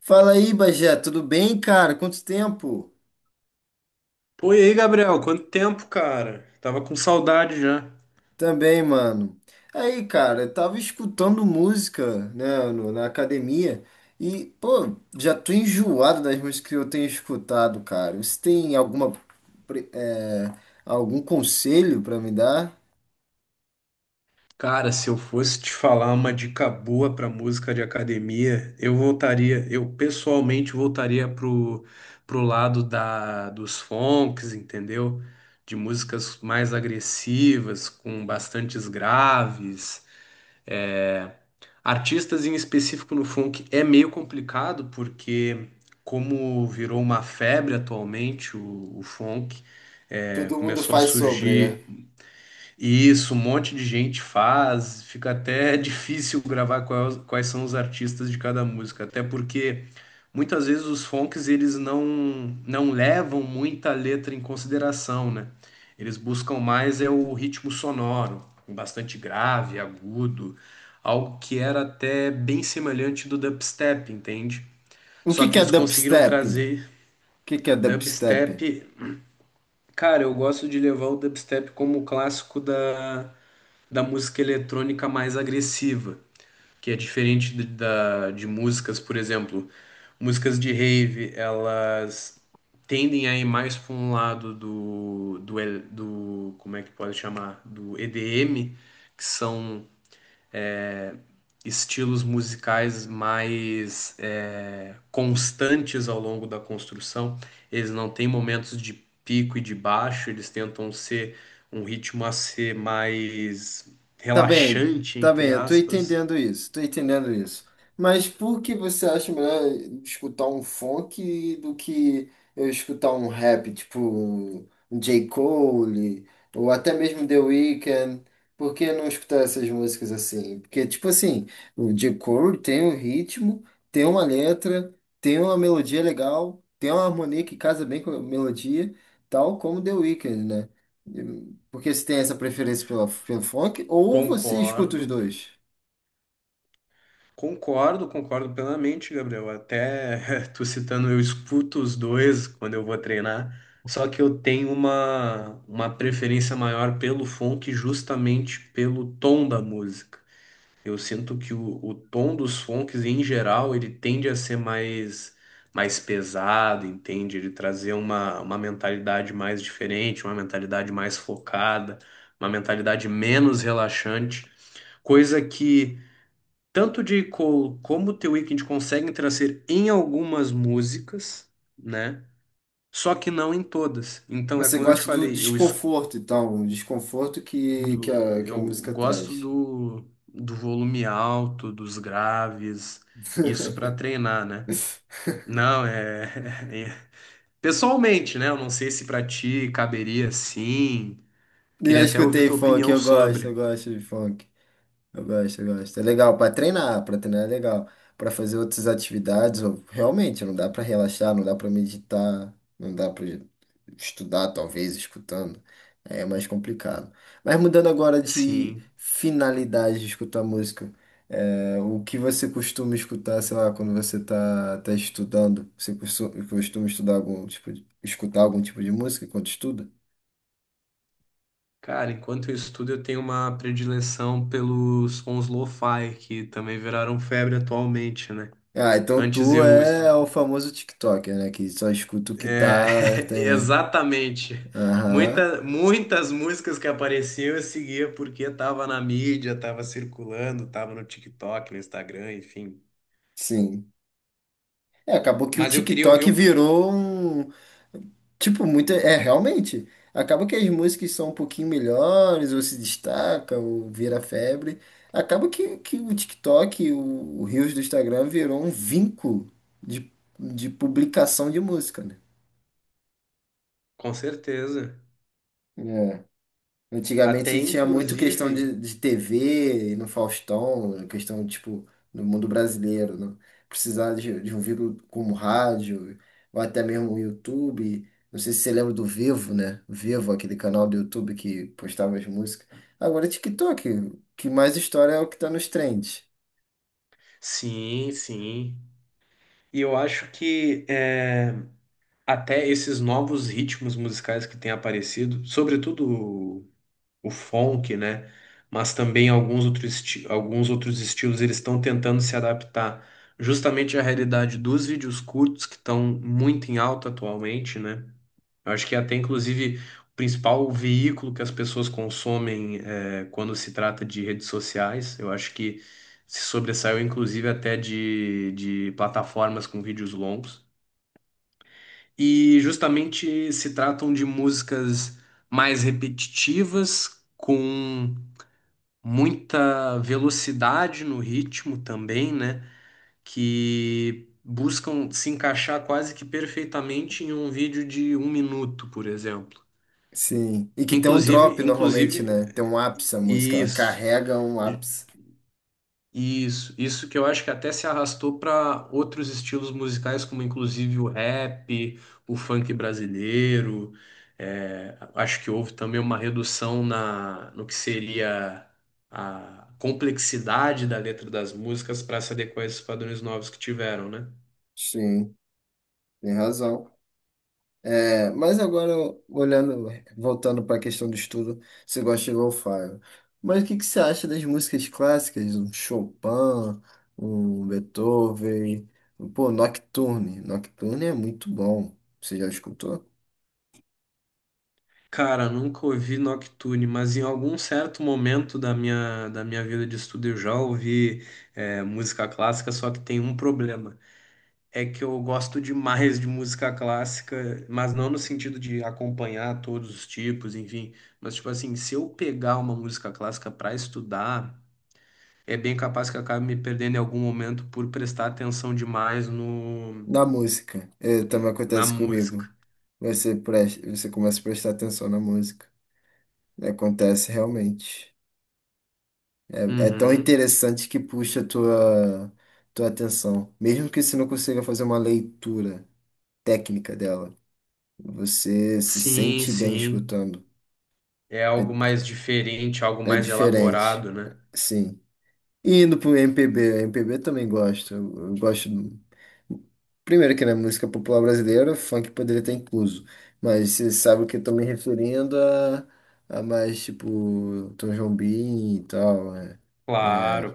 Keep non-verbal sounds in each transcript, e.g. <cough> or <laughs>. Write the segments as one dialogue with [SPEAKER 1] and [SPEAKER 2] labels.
[SPEAKER 1] Fala aí, Bagé, tudo bem, cara? Quanto tempo?
[SPEAKER 2] Pô, e aí, Gabriel, quanto tempo, cara? Tava com saudade já.
[SPEAKER 1] Também, mano. Aí, cara, eu tava escutando música, né, na academia e, pô, já tô enjoado das músicas que eu tenho escutado, cara. Você tem alguma, pre- é, algum conselho pra me dar?
[SPEAKER 2] Cara, se eu fosse te falar uma dica boa pra música de academia, eu voltaria, eu pessoalmente voltaria pro, pro lado da, dos funks, entendeu? De músicas mais agressivas, com bastantes graves. é, Artistas em específico no funk é meio complicado porque, como virou uma febre atualmente, o funk
[SPEAKER 1] Todo mundo
[SPEAKER 2] começou a
[SPEAKER 1] faz sobre, né?
[SPEAKER 2] surgir isso, um monte de gente faz, fica até <laughs> difícil gravar quais, quais são os artistas de cada música, até porque muitas vezes os funks eles não levam muita letra em consideração, né? Eles buscam mais é o ritmo sonoro, bastante grave, agudo, algo que era até bem semelhante do dubstep, entende?
[SPEAKER 1] O que
[SPEAKER 2] Só que
[SPEAKER 1] que é
[SPEAKER 2] eles conseguiram
[SPEAKER 1] dubstep? O
[SPEAKER 2] trazer
[SPEAKER 1] que que é dubstep?
[SPEAKER 2] dubstep. Cara, eu gosto de levar o dubstep como clássico da da música eletrônica mais agressiva, que é diferente de, da, de músicas, por exemplo, músicas de rave, elas tendem a ir mais para um lado do, como é que pode chamar, do EDM, que são é, estilos musicais mais constantes ao longo da construção. Eles não têm momentos de pico e de baixo, eles tentam ser um ritmo a ser mais
[SPEAKER 1] Tá bem,
[SPEAKER 2] relaxante,
[SPEAKER 1] tá bem,
[SPEAKER 2] entre
[SPEAKER 1] eu tô
[SPEAKER 2] aspas.
[SPEAKER 1] entendendo isso, tô entendendo isso. Mas por que você acha melhor escutar um funk do que eu escutar um rap, tipo um J. Cole, ou até mesmo The Weeknd? Por que não escutar essas músicas assim? Porque, tipo assim, o J. Cole tem um ritmo, tem uma letra, tem uma melodia legal, tem uma harmonia que casa bem com a melodia, tal como The Weeknd, né? Porque você tem essa preferência pela, pelo funk, ou você escuta
[SPEAKER 2] Concordo,
[SPEAKER 1] os dois.
[SPEAKER 2] concordo, concordo plenamente, Gabriel. Até <laughs> tu citando, eu escuto os dois quando eu vou treinar. Só que eu tenho uma preferência maior pelo funk justamente pelo tom da música. Eu sinto que o tom dos funks, em geral, ele tende a ser mais, mais pesado, entende? Ele trazer uma mentalidade mais diferente, uma mentalidade mais focada, uma mentalidade menos relaxante, coisa que tanto de Cole como The Weeknd conseguem trazer em algumas músicas, né? Só que não em todas. Então, é
[SPEAKER 1] Você
[SPEAKER 2] como eu te
[SPEAKER 1] gosta do
[SPEAKER 2] falei, eu escu
[SPEAKER 1] desconforto, então, o desconforto que
[SPEAKER 2] do-
[SPEAKER 1] a, que a,
[SPEAKER 2] eu
[SPEAKER 1] música
[SPEAKER 2] gosto
[SPEAKER 1] traz.
[SPEAKER 2] do, do volume alto, dos graves, isso para treinar, né?
[SPEAKER 1] <laughs>
[SPEAKER 2] Não, é, <laughs> é- Pessoalmente, né? Eu não sei se para ti caberia sim.
[SPEAKER 1] E eu
[SPEAKER 2] Queria até ouvir
[SPEAKER 1] escutei
[SPEAKER 2] tua
[SPEAKER 1] funk,
[SPEAKER 2] opinião
[SPEAKER 1] eu
[SPEAKER 2] sobre.
[SPEAKER 1] gosto de funk. Eu gosto, eu gosto. É legal para treinar é legal. Para fazer outras atividades, realmente não dá para relaxar, não dá para meditar, não dá para estudar, talvez, escutando. É mais complicado. Mas mudando agora de
[SPEAKER 2] Sim.
[SPEAKER 1] finalidade de escutar música, o que você costuma escutar, sei lá, quando você tá estudando? Você costuma estudar algum tipo de, escutar algum tipo de música enquanto estuda?
[SPEAKER 2] Cara, enquanto eu estudo, eu tenho uma predileção pelos sons lo-fi, que também viraram febre atualmente, né?
[SPEAKER 1] Ah, então
[SPEAKER 2] Antes
[SPEAKER 1] tu
[SPEAKER 2] eu
[SPEAKER 1] é o famoso TikToker, né? Que só escuta o que
[SPEAKER 2] É,
[SPEAKER 1] tá. Tem,
[SPEAKER 2] <laughs>
[SPEAKER 1] né?
[SPEAKER 2] exatamente.
[SPEAKER 1] Aham,
[SPEAKER 2] Muitas músicas que apareciam eu seguia porque tava na mídia, tava circulando, tava no TikTok, no Instagram, enfim.
[SPEAKER 1] sim. É, acabou que o
[SPEAKER 2] Mas eu queria ouvir
[SPEAKER 1] TikTok
[SPEAKER 2] um,
[SPEAKER 1] virou um. Tipo, muito. É, realmente. Acaba que as músicas são um pouquinho melhores, ou se destaca, ou vira febre. Acaba que o TikTok, o Reels do Instagram, virou um vinco de, de, publicação de música, né?
[SPEAKER 2] com certeza.
[SPEAKER 1] É.
[SPEAKER 2] Até
[SPEAKER 1] Antigamente tinha muito questão
[SPEAKER 2] inclusive,
[SPEAKER 1] de TV no Faustão, questão, tipo, no mundo brasileiro, né? Precisar de um veículo como rádio, ou até mesmo o YouTube. Não sei se você lembra do Vivo, né? Vivo, aquele canal do YouTube que postava as músicas. Agora é TikTok, o que mais história é o que tá nos trends.
[SPEAKER 2] sim, sim. E eu acho que é, até esses novos ritmos musicais que têm aparecido, sobretudo o funk, né? Mas também alguns outros, alguns outros estilos eles estão tentando se adaptar justamente à realidade dos vídeos curtos que estão muito em alta atualmente, né? Eu acho que até inclusive o principal veículo que as pessoas consomem quando se trata de redes sociais. Eu acho que se sobressaiu inclusive até de plataformas com vídeos longos. E justamente se tratam de músicas mais repetitivas, com muita velocidade no ritmo também, né? Que buscam se encaixar quase que perfeitamente em um vídeo de um minuto, por exemplo.
[SPEAKER 1] Sim. E que tem um
[SPEAKER 2] Inclusive,
[SPEAKER 1] drop normalmente,
[SPEAKER 2] inclusive,
[SPEAKER 1] né? Tem um ápice a música, ela
[SPEAKER 2] isso.
[SPEAKER 1] carrega um ápice.
[SPEAKER 2] Isso que eu acho que até se arrastou para outros estilos musicais, como inclusive o rap, o funk brasileiro. É, acho que houve também uma redução na, no que seria a complexidade da letra das músicas para se adequar a esses padrões novos que tiveram, né?
[SPEAKER 1] Sim, tem razão. É, mas agora, olhando, voltando para a questão do estudo, você gosta de lo-fi. Mas o que que você acha das músicas clássicas? Um Chopin, um Beethoven, um, pô, Nocturne. Nocturne é muito bom. Você já escutou?
[SPEAKER 2] Cara, nunca ouvi Nocturne, mas em algum certo momento da minha vida de estudo eu já ouvi, música clássica, só que tem um problema. É que eu gosto demais de música clássica, mas não no sentido de acompanhar todos os tipos, enfim. Mas, tipo assim, se eu pegar uma música clássica para estudar, é bem capaz que eu acabe me perdendo em algum momento por prestar atenção demais no,
[SPEAKER 1] Na música, é, também
[SPEAKER 2] na
[SPEAKER 1] acontece
[SPEAKER 2] música.
[SPEAKER 1] comigo. Você, presta, você começa a prestar atenção na música. Acontece realmente. É tão
[SPEAKER 2] Uhum.
[SPEAKER 1] interessante que puxa a tua, atenção. Mesmo que você não consiga fazer uma leitura técnica dela. Você se
[SPEAKER 2] Sim,
[SPEAKER 1] sente bem
[SPEAKER 2] sim.
[SPEAKER 1] escutando.
[SPEAKER 2] É
[SPEAKER 1] É,
[SPEAKER 2] algo mais diferente, algo
[SPEAKER 1] é
[SPEAKER 2] mais
[SPEAKER 1] diferente,
[SPEAKER 2] elaborado, né?
[SPEAKER 1] sim. E indo pro MPB, MPB também gosto. Eu gosto. Primeiro que na música popular brasileira, funk poderia estar incluso. Mas você sabe o que eu tô me referindo a, mais tipo Tom Jobim e tal. É.
[SPEAKER 2] Claro,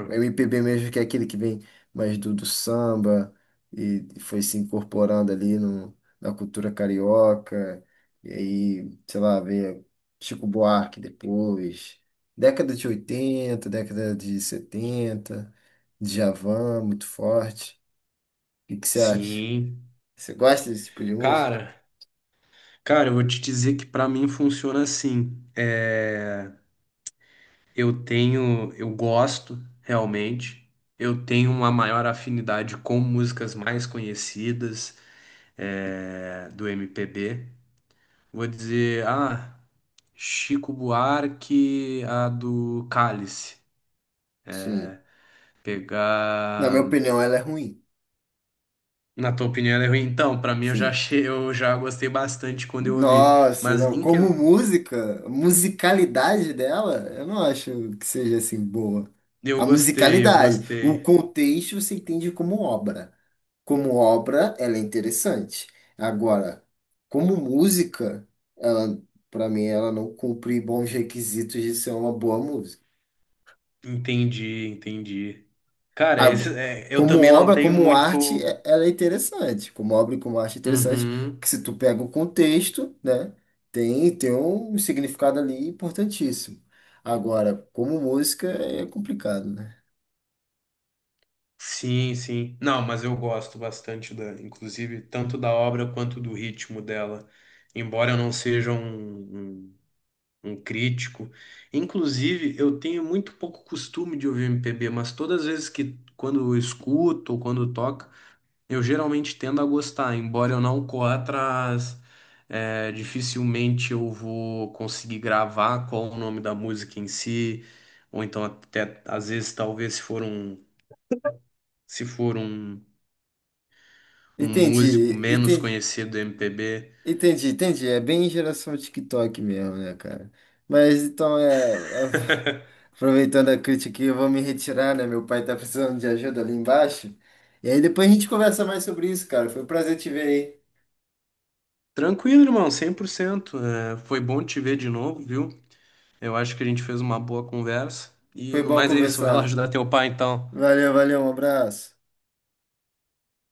[SPEAKER 1] O MPB mesmo que é aquele que vem mais do samba e foi se incorporando ali no, na cultura carioca. E aí, sei lá, veio Chico Buarque depois. Década de oitenta, década de setenta, Djavan, muito forte. O que que você acha?
[SPEAKER 2] Sim.
[SPEAKER 1] Você gosta desse tipo de música?
[SPEAKER 2] Cara, cara, eu vou te dizer que para mim funciona assim. Eu tenho, eu gosto realmente. Eu tenho uma maior afinidade com músicas mais conhecidas do MPB. Vou dizer, ah, Chico Buarque, a do Cálice.
[SPEAKER 1] Sim. Na
[SPEAKER 2] Pegar,
[SPEAKER 1] minha opinião, ela é ruim.
[SPEAKER 2] na tua opinião, ela é ruim. Então, pra mim eu já
[SPEAKER 1] Sim.
[SPEAKER 2] achei, eu já gostei bastante quando eu ouvi.
[SPEAKER 1] Nossa,
[SPEAKER 2] Mas
[SPEAKER 1] não,
[SPEAKER 2] em que...
[SPEAKER 1] como música, a musicalidade dela, eu não acho que seja assim boa.
[SPEAKER 2] eu
[SPEAKER 1] A
[SPEAKER 2] gostei, eu
[SPEAKER 1] musicalidade, o
[SPEAKER 2] gostei.
[SPEAKER 1] contexto você entende como obra. Como obra, ela é interessante. Agora, como música, ela, para mim, ela não cumpre bons requisitos de ser uma boa música.
[SPEAKER 2] Entendi, entendi. Cara,
[SPEAKER 1] Ah,
[SPEAKER 2] eu
[SPEAKER 1] como
[SPEAKER 2] também não
[SPEAKER 1] obra,
[SPEAKER 2] tenho
[SPEAKER 1] como arte,
[SPEAKER 2] muito.
[SPEAKER 1] ela é interessante. Como obra e como arte é interessante,
[SPEAKER 2] Uhum.
[SPEAKER 1] que se tu pega o contexto, né, tem, um significado ali importantíssimo. Agora, como música, é complicado, né?
[SPEAKER 2] Sim, sim. Não, mas eu gosto bastante da, inclusive, tanto da obra quanto do ritmo dela. Embora eu não seja um, um, um crítico. Inclusive, eu tenho muito pouco costume de ouvir MPB, mas todas as vezes que, quando eu escuto ou quando toca, eu geralmente tendo a gostar. Embora eu não corra atrás, dificilmente eu vou conseguir gravar qual o nome da música em si, ou então até, às vezes, talvez, se for um. Se for um músico
[SPEAKER 1] Entendi,
[SPEAKER 2] menos
[SPEAKER 1] entendi,
[SPEAKER 2] conhecido do MPB.
[SPEAKER 1] entendi, entendi. É bem geração TikTok mesmo, né, cara? Mas então <laughs> Aproveitando a crítica aqui, eu vou me retirar, né? Meu pai tá precisando de ajuda ali embaixo. E aí depois a gente conversa mais sobre isso, cara. Foi um prazer te ver aí.
[SPEAKER 2] Tranquilo, irmão, 100%. É, foi bom te ver de novo, viu? Eu acho que a gente fez uma boa conversa. E
[SPEAKER 1] Foi
[SPEAKER 2] no
[SPEAKER 1] bom
[SPEAKER 2] mais é isso, vai lá
[SPEAKER 1] conversar.
[SPEAKER 2] ajudar teu pai então.
[SPEAKER 1] Valeu, valeu, um abraço.